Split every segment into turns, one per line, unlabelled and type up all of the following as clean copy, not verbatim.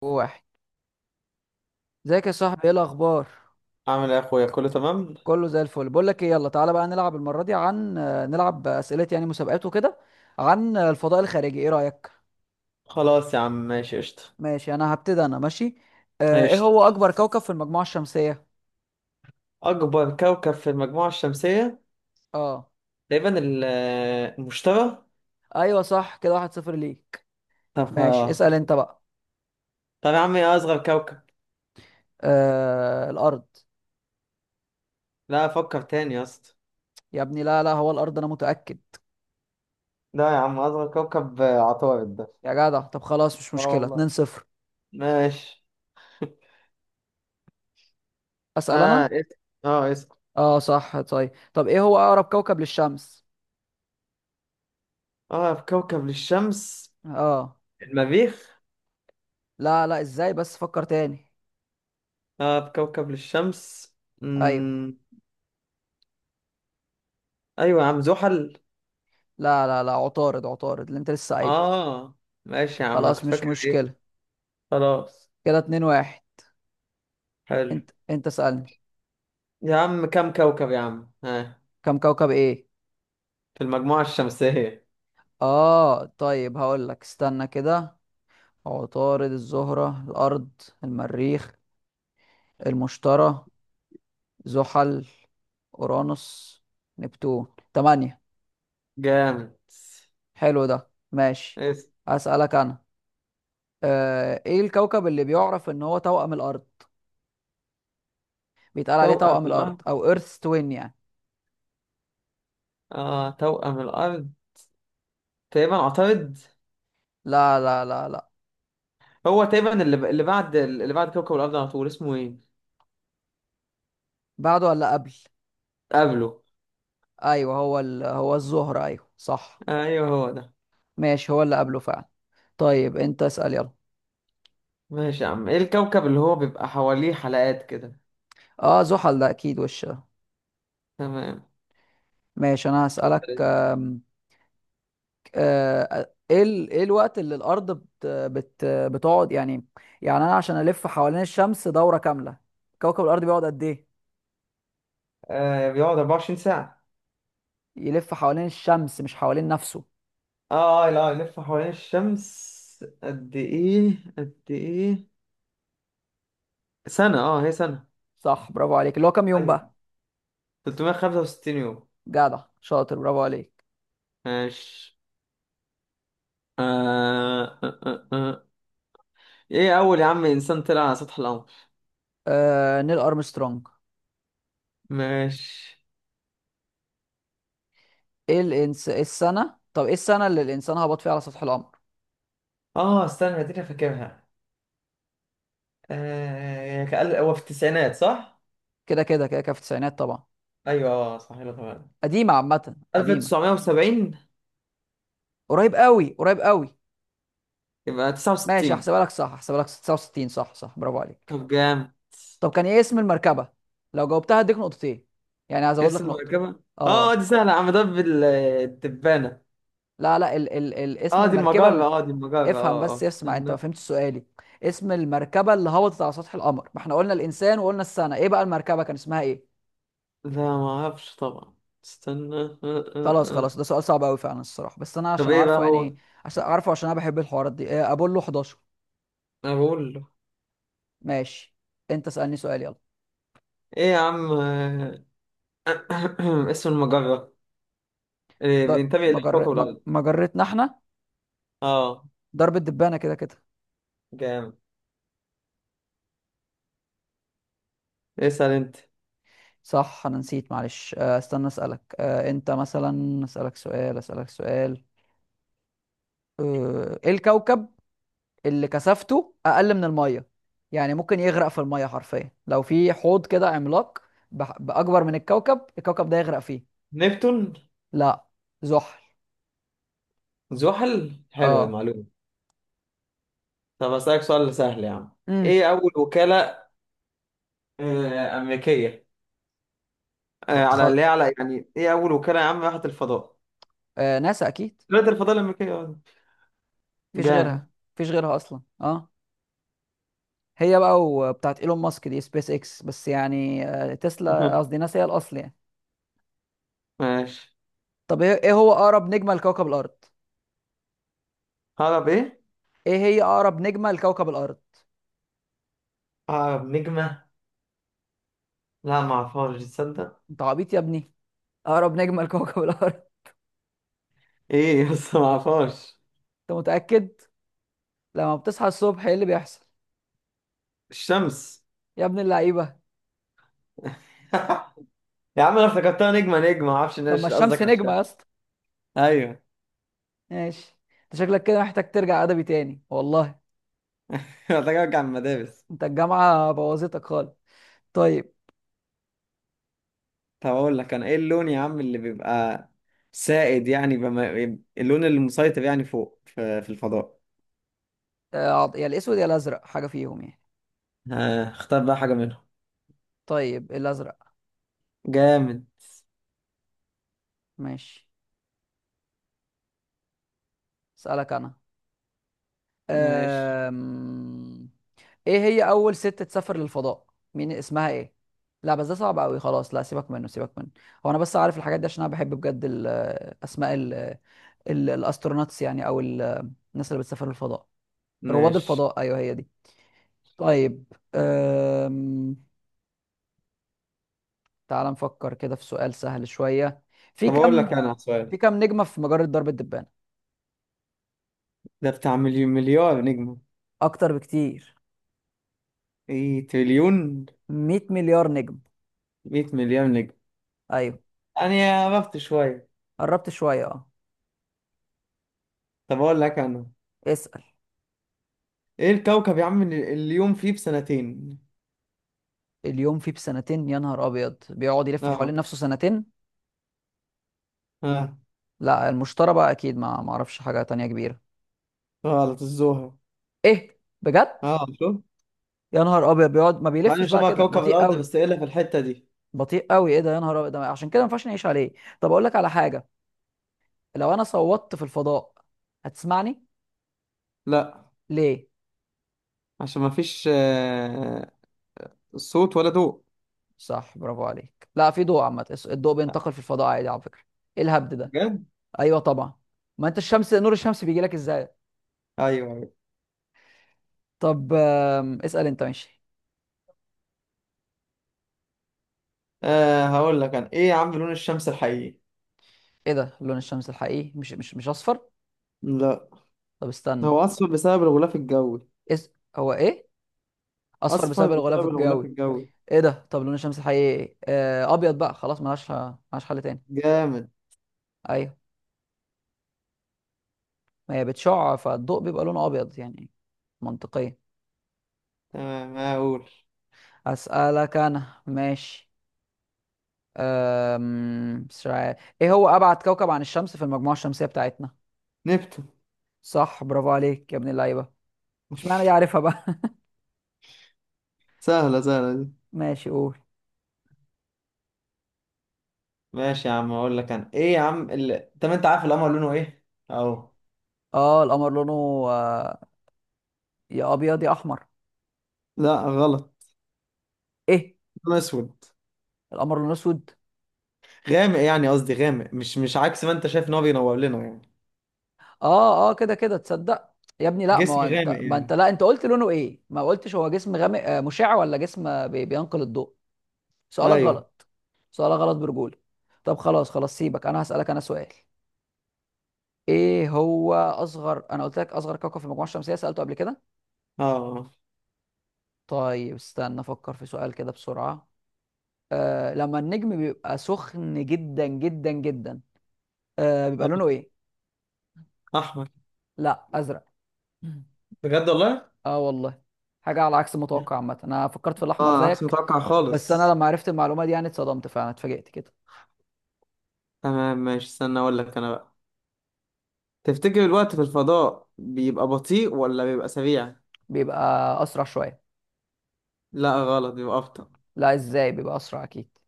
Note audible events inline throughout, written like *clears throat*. واحد. ازيك يا صاحبي؟ ايه الاخبار؟
عامل ايه يا اخويا، كله تمام.
كله زي الفل. بقول لك ايه، يلا تعالى بقى نلعب المره دي عن آه، نلعب اسئله، يعني مسابقات وكده، عن الفضاء الخارجي. ايه رايك؟
خلاص يا عم، ماشي قشطة.
ماشي، انا هبتدي. انا ماشي. ايه
قشطة.
هو اكبر كوكب في المجموعه الشمسيه؟
اكبر كوكب في المجموعة الشمسية
اه،
تقريبا المشتري.
ايوه صح كده. واحد صفر ليك.
طب
ماشي،
خلاص.
اسال انت بقى.
طب يا عم، ايه اصغر كوكب؟
الارض.
لا، افكر تاني يا اسطى.
يا ابني، لا لا، هو الارض، انا متاكد.
لا يا عم، اصغر كوكب عطارد ده.
يا جدع، طب خلاص، مش
لا
مشكله. 2
والله.
0
ماشي. *laughs*
اسال
اه
انا.
اسم اه اسم
اه صح، طيب. طب ايه هو اقرب كوكب للشمس؟
اه، في كوكب للشمس؟
اه.
المريخ.
لا لا، ازاي؟ بس فكر تاني.
اه، في كوكب للشمس.
ايوه.
مم. ايوه يا عم، زحل.
لا لا لا، عطارد، عطارد اللي انت لسه قايله.
اه. ماشي يا عم، انا
خلاص،
كنت
مش
فاكر ايه.
مشكلة.
خلاص.
كده اتنين واحد.
حلو.
انت سألني.
يا عم كم كوكب يا عم؟ ها؟
كم كوكب ايه؟
في المجموعة الشمسية.
اه طيب، هقول لك. استنى كده. عطارد، الزهرة، الارض. المريخ. المشتري. زحل. اورانوس. نبتون. تمانية.
جامد.
حلو، ده ماشي.
إيه،
هسألك انا. ايه الكوكب اللي بيعرف ان هو توأم الارض؟ بيتقال عليه
توأم
توأم الارض
الأرض.
او ايرث توين يعني.
آه، توأم الأرض. تقريبا أعترض.
لا لا لا لا.
هو تقريبا اللي بعد اللي بعد كوكب الأرض على طول، اسمه إيه؟
بعده ولا قبل؟
قبله.
ايوه هو هو الزهرة، ايوه صح.
أيوه، هو ده.
ماشي، هو اللي قبله فعلا. طيب، انت اسأل يلا.
ماشي يا عم، إيه الكوكب اللي هو بيبقى حواليه حلقات كده؟
اه، زحل ده اكيد. وش ده.
تمام.
ماشي، انا هسألك. ايه الوقت اللي الارض بتقعد يعني. يعني انا، عشان الف حوالين الشمس دورة كاملة. كوكب الارض بيقعد قد ايه؟
آه، بيقعد 24 ساعة.
يلف حوالين الشمس، مش حوالين نفسه.
آه لا، يلف حوالين الشمس قد إيه؟ سنة، آه هي سنة.
صح، برافو عليك. اللي هو كام يوم
أيوه.
بقى؟
365 يوم.
جدع شاطر، برافو عليك.
ماشي. آه آه آه آه. آه. ايه اول يا عم انسان طلع على سطح القمر؟
نيل ارمسترونج.
ماشي.
إيه السنة؟ طب ايه السنة اللي الانسان هبط فيها على سطح القمر؟
اه استنى، دي انا فاكرها. هو في التسعينات، صح؟
كده كده كده كده، في التسعينات طبعا.
ايوه، اه صح، يلا طبعا.
قديمة عامة، قديمة.
1970.
قريب قوي، قريب قوي.
يبقى
ماشي،
69.
هحسبها لك. صح هحسبها لك 69. صح صح، برافو عليك.
طب جامد.
طب كان ايه اسم المركبة؟ لو جاوبتها هديك نقطتين. يعني هزود
اسم
لك نقطة.
المركبة. اه
اه.
دي سهلة يا عم، ده الدبانة.
لا لا، اسم
اه دي
المركبة
المجرة اه دي المجرة
افهم
اه
بس،
اه
اسمع. انت ما
استنى
فهمتش سؤالي. اسم المركبة اللي هبطت على سطح القمر، ما احنا قلنا الانسان وقلنا السنة، ايه بقى المركبة كان اسمها ايه؟
لا ما اعرفش طبعا. استنى.
خلاص خلاص،
آه.
ده سؤال صعب قوي فعلا الصراحه. بس انا
طب
عشان
ايه بقى
عارفه
هو؟
يعني. عشان اعرفه، عشان انا بحب الحوارات دي. ابولو 11.
اقول له.
ماشي. انت اسالني سؤال يلا.
ايه يا عم. *clears throat* اسم المجرة إيه، بينتمي إلى كوكب الأرض.
مجرتنا احنا.
اه.
ضرب الدبانه كده كده.
جامد. اسأل أنت.
صح، انا نسيت معلش. استنى اسالك. انت مثلا اسالك سؤال، اسالك سؤال. ايه الكوكب اللي كثافته اقل من الميه؟ يعني ممكن يغرق في الميه حرفيا، لو في حوض كده عملاق. باكبر من الكوكب ده يغرق فيه.
نبتون.
لا. زحل.
زحل. حلوة
اه.
المعلومة. طب أسألك سؤال سهل يا عم.
امم.
إيه أول وكالة أمريكية،
بتخ...
على
بتخ...
اللي هي، على يعني إيه أول وكالة يا عم راحت الفضاء؟
ناسا اكيد.
وكالة الفضاء الأمريكية. آه.
مفيش
جامد.
غيرها. مفيش غيرها اصلا، اه. هي بقى وبتاعت ايلون ماسك دي سبيس اكس بس يعني، تسلا قصدي
*laughs*
ناسا هي الاصل يعني.
ماشي.
طب إيه هو اقرب نجمه لكوكب الارض؟
هرب إيه؟
ايه هي اقرب نجمه لكوكب الارض؟
هرب نجمة. لا معرفهاش، تصدق.
انت عبيط يا ابني. اقرب نجمه لكوكب *laughs* الارض.
إيه بس، معرفهاش.
انت متاكد؟ لما بتصحى الصبح، ايه اللي بيحصل؟
الشمس.
يا ابن اللعيبه.
*laughs* يا عم أنا افتكرتها نجمة نجمة، معرفش
طب ما
قصدك
الشمس
على
نجمه يا
الشمس.
اسطى.
أيوه.
ماشي. انت شكلك كده محتاج ترجع ادبي تاني والله.
*laughs* محتاج ارجع من المدارس.
انت الجامعه بوظتك خالص. طيب.
طب اقول لك انا، ايه اللون يا عم اللي بيبقى سائد يعني اللون اللي مسيطر يعني فوق في الفضاء؟
يا الاسود يا الازرق، حاجه فيهم يعني.
ها اختار بقى حاجة منهم.
طيب، الازرق.
جامد.
ماشي. اسالك انا.
ماشي.
أم... ايه هي اول ست تسافر للفضاء؟ مين اسمها ايه؟ لا بس ده صعب قوي، خلاص. لا، سيبك منه، سيبك منه. هو انا بس عارف الحاجات دي عشان انا بحب بجد اسماء الاستروناتس يعني، او الناس اللي بتسافر للفضاء. رواد
ماشي.
الفضاء، ايوه هي دي. طيب. أم... تعال نفكر كده في سؤال سهل شوية. في
طب اقول
كم.
لك انا سؤال.
في كم نجمة في مجرة درب التبانة؟
ده بتاع مليون مليار نجمة.
اكتر بكتير.
ايه تريليون.
100 مليار نجم.
100 مليار نجم.
ايوه.
انا عرفت شوية.
قربت شوية، اه.
طب اقول لك انا.
اسأل.
ايه الكوكب يا عم اللي اليوم فيه بسنتين؟
اليوم فيه بسنتين؟ يا نهار أبيض، بيقعد يلف حوالين
اه.
نفسه سنتين.
اه.
لا، المشترى بقى أكيد، ما معرفش حاجة تانية كبيرة.
غلط، الزهرة.
إيه، بجد؟
اه شوف.
يا نهار أبيض، بيقعد ما
مع
بيلفش
انه
بقى
شبه
كده،
كوكب
بطيء
الارض،
قوي.
بس ايه اللي في الحتة دي.
بطيء قوي، إيه ده، يا نهار أبيض. ده عشان كده ما ينفعش نعيش عليه. طب أقول لك على حاجة. لو أنا صوتت في الفضاء، هتسمعني؟
لا.
ليه؟
عشان ما فيش صوت ولا ضوء.
صح برافو عليك. لا، في ضوء عامة، الضوء بينتقل في الفضاء عادي على فكرة. إيه الهبد ده؟
بجد.
أيوه طبعا. ما أنت الشمس، نور الشمس بيجي لك إزاي.
ايوه، ايوه.
طب اسأل أنت، ماشي.
أه هقول لك انا، ايه يا عم لون الشمس الحقيقي؟
ايه ده، لون الشمس الحقيقي مش مش مش اصفر؟
لا.
طب استنى.
هو اصفر بسبب الغلاف الجوي.
إز... هو ايه؟ اصفر
اصفر
بسبب الغلاف
بسبب الغلاف
الجوي؟
الجوي.
ايه ده، طب لون الشمس الحقيقي إيه؟ ابيض بقى خلاص، ملهاش ملهاش حل تاني.
جامد.
ايوه. ما هي بتشع فالضوء بيبقى لونه ابيض يعني. منطقيا.
تمام ما اقول.
اسالك انا، ماشي. مش عارف. ايه هو ابعد كوكب عن الشمس في المجموعه الشمسيه بتاعتنا؟
نبتون.
صح، برافو عليك يا ابن اللعيبه. مش معنى
*laughs*
دي، عارفها بقى.
سهلة، سهلة دي.
*laughs* ماشي، قول.
ماشي يا عم، اقول لك انا ايه يا عم اللي... طب انت عارف القمر لونه ايه اهو؟
اه القمر لونه. آه، يا ابيض يا احمر.
لا غلط.
ايه؟
لون اسود.
القمر لونه اسود؟
غامق يعني، قصدي غامق، مش عكس ما انت شايف ان هو بينور لنا يعني.
اه اه، كده كده، تصدق. يا ابني لا، ما
جسم
هو
غامق
انت، ما انت،
يعني.
لا، انت قلت لونه ايه، ما قلتش هو جسم غامق، مشع ولا جسم بينقل الضوء. سؤالك
ايوه.
غلط. سؤالك غلط برجولة. طب خلاص خلاص، سيبك. انا هسألك انا سؤال. ايه هو اصغر، انا قلت لك اصغر كوكب في المجموعة الشمسية سألته قبل كده.
اه.
طيب، استنى افكر في سؤال كده بسرعة. لما النجم بيبقى سخن جدا جدا جدا، بيبقى لونه
آه.
ايه؟
احمد.
لا، ازرق.
بجد والله.
اه والله. حاجه على عكس
مم.
المتوقع عامه، انا فكرت في الاحمر
اه عكس
زيك.
متوقع
بس انا
خالص.
لما عرفت المعلومه دي يعني اتصدمت فعلا، اتفاجئت كده.
تمام ماشي، استنى اقول لك انا بقى. تفتكر الوقت في الفضاء بيبقى بطيء ولا بيبقى سريع؟
بيبقى اسرع شويه.
لا غلط، بيبقى ابطأ.
لا، ازاي؟ بيبقى اسرع اكيد.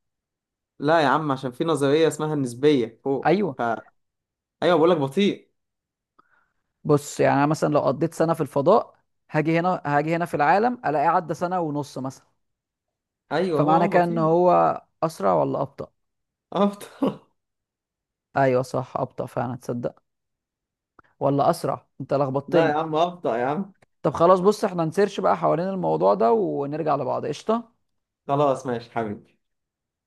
لا يا عم، عشان في نظرية اسمها النسبية فوق
ايوه.
ايوه. بقول لك بطيء.
بص يعني، انا مثلا لو قضيت سنه في الفضاء، هاجي هنا هاجي هنا في العالم، الاقيه عدى سنه ونص مثلا.
ايوه
فمعنى
هو
كده ان
بطيء.
هو اسرع ولا ابطا؟
ابطأ. *laughs*
ايوه صح، ابطا فعلا، تصدق. ولا اسرع؟ انت
لا يا
لخبطتني.
عم ابطأ يا عم.
طب خلاص، بص احنا نسيرش بقى حوالين الموضوع ده، ونرجع لبعض قشطه.
خلاص ماشي حبيبي.